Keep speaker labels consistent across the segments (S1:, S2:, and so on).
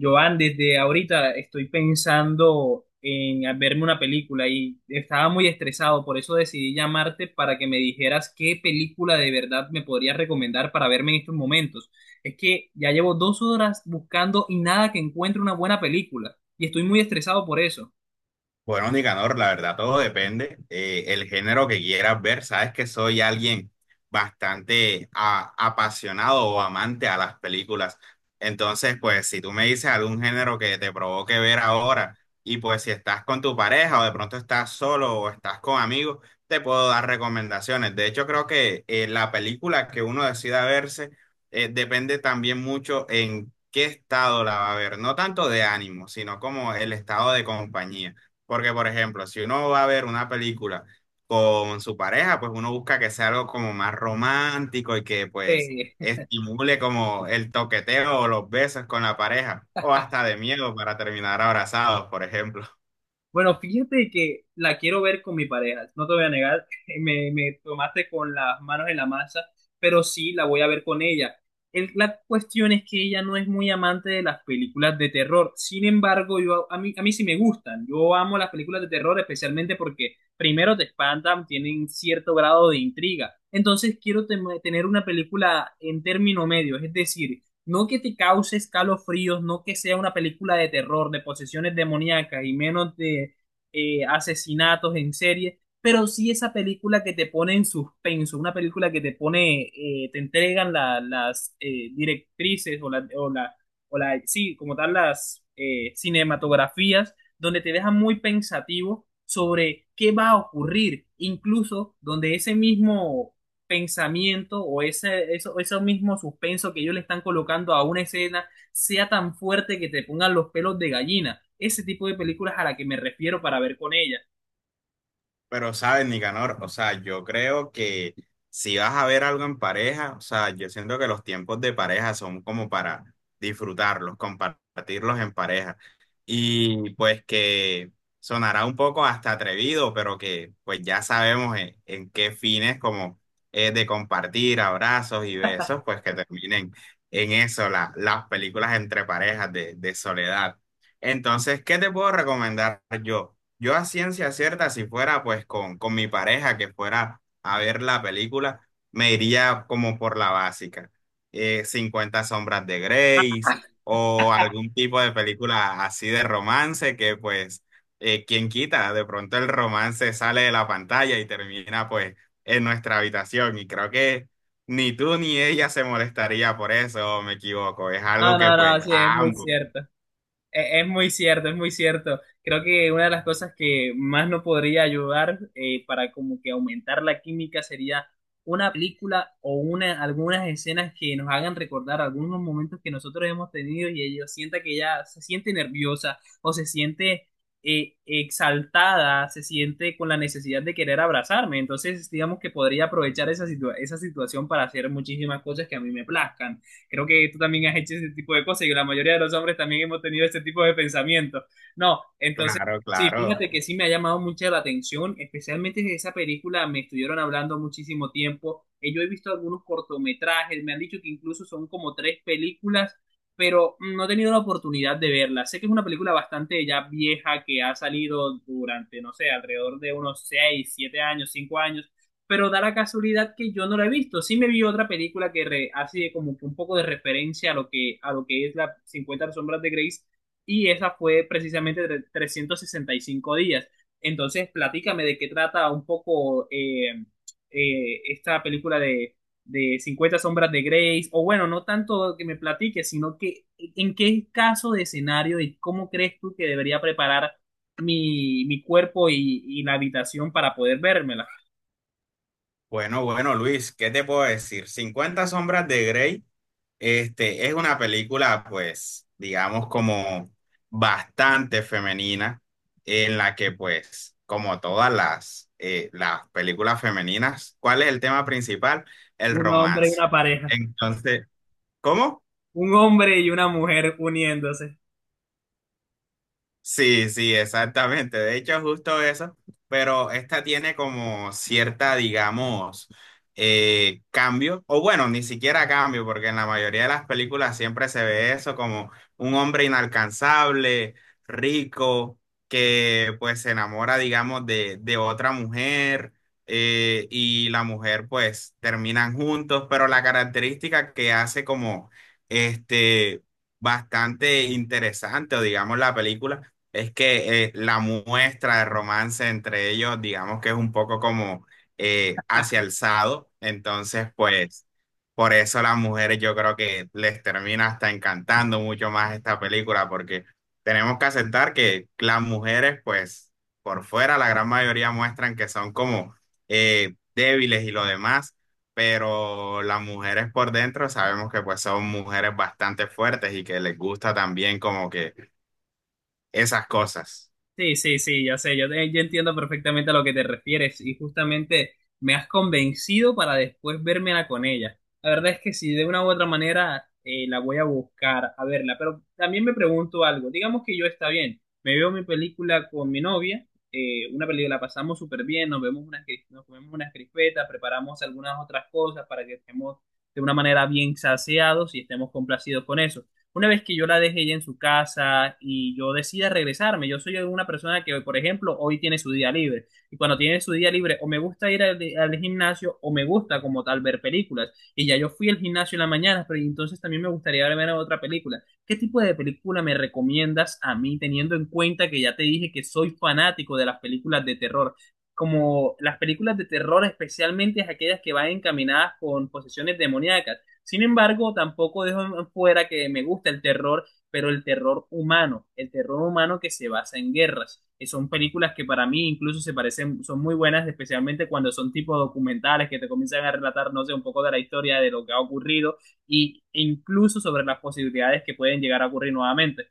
S1: Joan, desde ahorita estoy pensando en verme una película y estaba muy estresado, por eso decidí llamarte para que me dijeras qué película de verdad me podrías recomendar para verme en estos momentos. Es que ya llevo dos horas buscando y nada que encuentre una buena película y estoy muy estresado por eso.
S2: Bueno, Nicanor, la verdad todo depende, el género que quieras ver. Sabes que soy alguien bastante apasionado o amante a las películas. Entonces, pues si tú me dices algún género que te provoque ver ahora y pues si estás con tu pareja o de pronto estás solo o estás con amigos, te puedo dar recomendaciones. De hecho, creo que la película que uno decida verse depende también mucho en qué estado la va a ver. No tanto de ánimo, sino como el estado de compañía. Porque, por ejemplo, si uno va a ver una película con su pareja, pues uno busca que sea algo como más romántico y que pues
S1: Eh,
S2: estimule como el toqueteo o los besos con la pareja, o hasta de miedo para terminar abrazados, por ejemplo.
S1: Bueno, fíjate que la quiero ver con mi pareja, no te voy a negar, me tomaste con las manos en la masa, pero sí la voy a ver con ella. La cuestión es que ella no es muy amante de las películas de terror, sin embargo, yo, a mí sí me gustan, yo amo las películas de terror especialmente porque primero te espantan, tienen cierto grado de intriga, entonces quiero tener una película en término medio, es decir, no que te cause escalofríos, no que sea una película de terror, de posesiones demoníacas y menos de asesinatos en serie, pero sí esa película que te pone en suspenso, una película que te pone, te entregan la- las directrices sí, como tal, las cinematografías, donde te dejan muy pensativo sobre qué va a ocurrir, incluso donde ese mismo pensamiento ese mismo suspenso que ellos le están colocando a una escena sea tan fuerte que te pongan los pelos de gallina. Ese tipo de películas a la que me refiero para ver con ella.
S2: Pero, ¿sabes, Nicanor? O sea, yo creo que si vas a ver algo en pareja, o sea, yo siento que los tiempos de pareja son como para disfrutarlos, compartirlos en pareja. Y pues que sonará un poco hasta atrevido, pero que pues ya sabemos en, qué fines como es de compartir abrazos y besos, pues que terminen en eso, las películas entre parejas de, soledad. Entonces, ¿qué te puedo recomendar yo? Yo a ciencia cierta, si fuera pues con mi pareja que fuera a ver la película, me iría como por la básica. 50 sombras de Grace o algún tipo de película así de romance que pues, quien quita, de pronto el romance sale de la pantalla y termina pues en nuestra habitación. Y creo que ni tú ni ella se molestaría por eso, ¿o me equivoco? Es algo
S1: No,
S2: que
S1: no, no,
S2: pues
S1: sí, es
S2: a
S1: muy
S2: ambos,
S1: cierto. Es muy cierto, es muy cierto. Creo que una de las cosas que más nos podría ayudar para como que aumentar la química sería una película o una, algunas escenas que nos hagan recordar algunos momentos que nosotros hemos tenido y ella sienta que ella se siente nerviosa o se siente exaltada, se siente con la necesidad de querer abrazarme. Entonces, digamos que podría aprovechar esa situación para hacer muchísimas cosas que a mí me plazcan. Creo que tú también has hecho ese tipo de cosas y la mayoría de los hombres también hemos tenido ese tipo de pensamientos. No, entonces,
S2: claro,
S1: sí,
S2: claro.
S1: fíjate que sí me ha llamado mucho la atención, especialmente de esa película, me estuvieron hablando muchísimo tiempo. Yo he visto algunos cortometrajes, me han dicho que incluso son como tres películas, pero no he tenido la oportunidad de verla. Sé que es una película bastante ya vieja que ha salido durante, no sé, alrededor de unos seis, siete años, cinco años, pero da la casualidad que yo no la he visto. Sí me vi otra película que hace como que un poco de referencia a lo que es la 50 sombras de Grace, y esa fue precisamente de 365 días. Entonces, platícame de qué trata un poco esta película de 50 sombras de Grace, o bueno, no tanto que me platique, sino que en qué caso de escenario y cómo crees tú que debería preparar mi cuerpo y la habitación para poder verme.
S2: Bueno, bueno, Luis, ¿qué te puedo decir? Cincuenta sombras de Grey, este, es una película, pues, digamos, como bastante femenina, en la que, pues, como todas las películas femeninas, ¿cuál es el tema principal? El
S1: Un hombre y
S2: romance.
S1: una pareja.
S2: Entonces, ¿cómo?
S1: Un hombre y una mujer uniéndose.
S2: Sí, sí, exactamente. De hecho, justo eso. Pero esta tiene como cierta, digamos, cambio. O bueno, ni siquiera cambio, porque en la mayoría de las películas siempre se ve eso como un hombre inalcanzable, rico, que pues se enamora, digamos, de, otra mujer, y la mujer pues terminan juntos. Pero la característica que hace como este bastante interesante, o digamos, la película es que la muestra de romance entre ellos, digamos que es un poco como hacia alzado, entonces pues por eso las mujeres yo creo que les termina hasta encantando mucho más esta película, porque tenemos que aceptar que las mujeres pues por fuera la gran mayoría muestran que son como débiles y lo demás, pero las mujeres por dentro sabemos que pues son mujeres bastante fuertes y que les gusta también como que esas cosas.
S1: Sí, sí, sí, ya sé, yo entiendo perfectamente a lo que te refieres y justamente me has convencido para después vérmela con ella. La verdad es que si de una u otra manera la voy a buscar a verla, pero también me pregunto algo. Digamos que yo está bien, me veo mi película con mi novia, una película la pasamos súper bien, nos comemos unas crispetas, preparamos algunas otras cosas para que estemos de una manera bien saciados y estemos complacidos con eso. Una vez que yo la deje ella en su casa y yo decida regresarme, yo soy una persona que, por ejemplo, hoy tiene su día libre. Y cuando tiene su día libre, o me gusta ir al gimnasio o me gusta como tal ver películas. Y ya yo fui al gimnasio en la mañana, pero entonces también me gustaría ver otra película. ¿Qué tipo de película me recomiendas a mí, teniendo en cuenta que ya te dije que soy fanático de las películas de terror? Como las películas de terror, especialmente aquellas que van encaminadas con posesiones demoníacas. Sin embargo, tampoco dejo fuera que me gusta el terror, pero el terror humano que se basa en guerras. Son películas que para mí incluso se parecen, son muy buenas, especialmente cuando son tipo documentales que te comienzan a relatar, no sé, un poco de la historia de lo que ha ocurrido y e incluso sobre las posibilidades que pueden llegar a ocurrir nuevamente.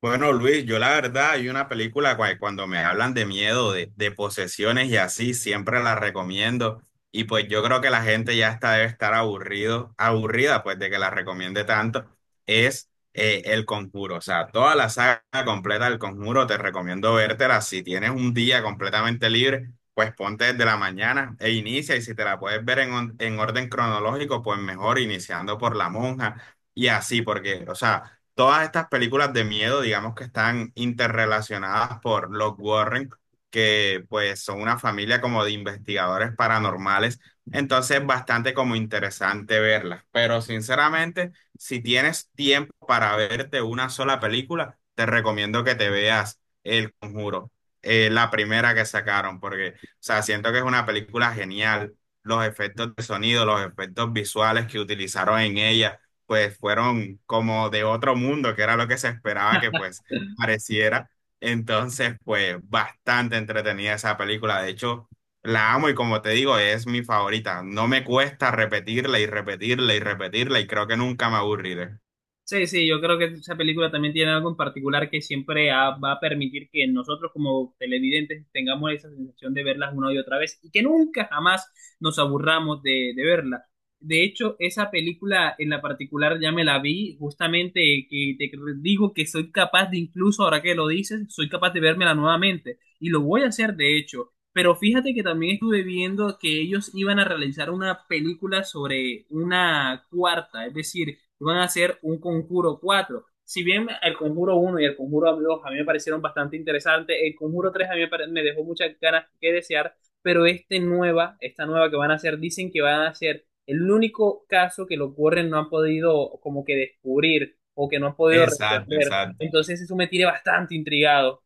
S2: Bueno, Luis, yo la verdad hay una película cuando me hablan de miedo, de posesiones y así, siempre la recomiendo. Y pues yo creo que la gente ya está, debe estar aburrido, aburrida pues de que la recomiende tanto. Es El Conjuro. O sea, toda la saga completa del Conjuro te recomiendo vértela. Si tienes un día completamente libre, pues ponte desde la mañana e inicia. Y si te la puedes ver en, en orden cronológico, pues mejor iniciando por La Monja y así, porque, o sea, todas estas películas de miedo, digamos que están interrelacionadas por los Warren, que pues son una familia como de investigadores paranormales, entonces es bastante como interesante verlas, pero sinceramente, si tienes tiempo para verte una sola película, te recomiendo que te veas El Conjuro, la primera que sacaron, porque, o sea, siento que es una película genial. Los efectos de sonido, los efectos visuales que utilizaron en ella, pues fueron como de otro mundo, que era lo que se esperaba que pues pareciera. Entonces, pues bastante entretenida esa película. De hecho, la amo y como te digo, es mi favorita. No me cuesta repetirla y repetirla y repetirla y creo que nunca me aburriré.
S1: Sí, sí, yo creo que esa película también tiene algo en particular que siempre va a permitir que nosotros como televidentes tengamos esa sensación de verlas una y otra vez y que nunca jamás nos aburramos de verla. De hecho, esa película en la particular ya me la vi justamente que te digo que soy capaz de, incluso ahora que lo dices, soy capaz de vérmela nuevamente y lo voy a hacer de hecho. Pero fíjate que también estuve viendo que ellos iban a realizar una película sobre una cuarta, es decir, van a hacer un conjuro 4. Si bien el conjuro uno y el conjuro 2 a mí me parecieron bastante interesantes, el conjuro 3 a mí me dejó muchas ganas que desear, pero esta nueva que van a hacer, dicen que van a hacer el único caso que los Warren no han podido como que descubrir o que no han podido
S2: Exacto,
S1: resolver.
S2: exacto.
S1: Entonces eso me tiene bastante intrigado.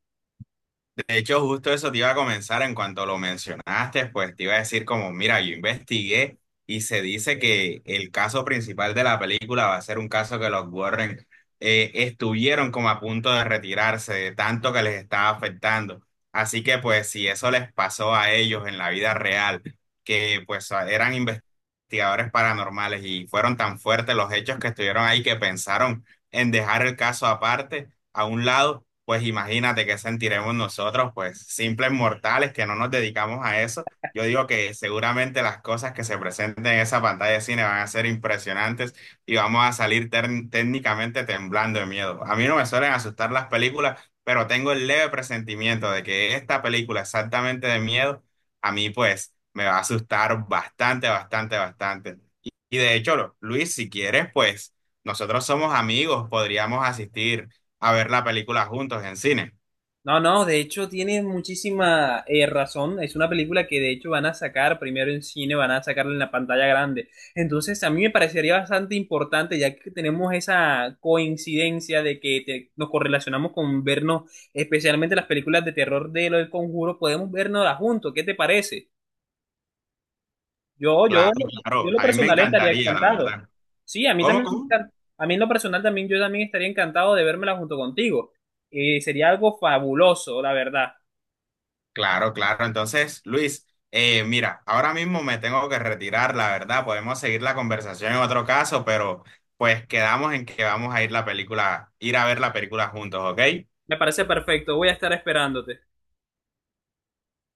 S2: De hecho, justo eso te iba a comenzar en cuanto lo mencionaste, pues te iba a decir como, mira, yo investigué y se dice que el caso principal de la película va a ser un caso que los Warren estuvieron como a punto de retirarse de tanto que les estaba afectando. Así que pues si eso les pasó a ellos en la vida real, que pues eran investigadores paranormales y fueron tan fuertes los hechos que estuvieron ahí que pensaron en dejar el caso aparte a un lado, pues imagínate qué sentiremos nosotros, pues simples mortales que no nos dedicamos a eso. Yo digo que seguramente las cosas que se presenten en esa pantalla de cine van a ser impresionantes y vamos a salir técnicamente temblando de miedo. A mí no me suelen asustar las películas, pero tengo el leve presentimiento de que esta película exactamente de miedo, a mí pues me va a asustar bastante, bastante, bastante. Y de hecho, Luis, si quieres, pues nosotros somos amigos, podríamos asistir a ver la película juntos en cine.
S1: No, no, de hecho tienes muchísima razón. Es una película que de hecho van a sacar primero en cine, van a sacarla en la pantalla grande. Entonces a mí me parecería bastante importante, ya que tenemos esa coincidencia de que nos correlacionamos con vernos, especialmente las películas de terror de lo del Conjuro, podemos vernoslas juntos. ¿Qué te parece? Yo, yo,
S2: Claro,
S1: yo en
S2: claro,
S1: lo
S2: a mí me
S1: personal estaría
S2: encantaría, la
S1: encantado.
S2: verdad.
S1: Sí, a mí
S2: ¿Cómo,
S1: también,
S2: cómo?
S1: a mí en lo personal también, yo también estaría encantado de vérmela junto contigo. Sería algo fabuloso, la verdad.
S2: Claro, claro. Entonces, Luis, mira, ahora mismo me tengo que retirar, la verdad. Podemos seguir la conversación en otro caso, pero pues quedamos en que vamos a ir la película, ir a ver la película juntos, ¿ok?
S1: Me parece perfecto, voy a estar esperándote.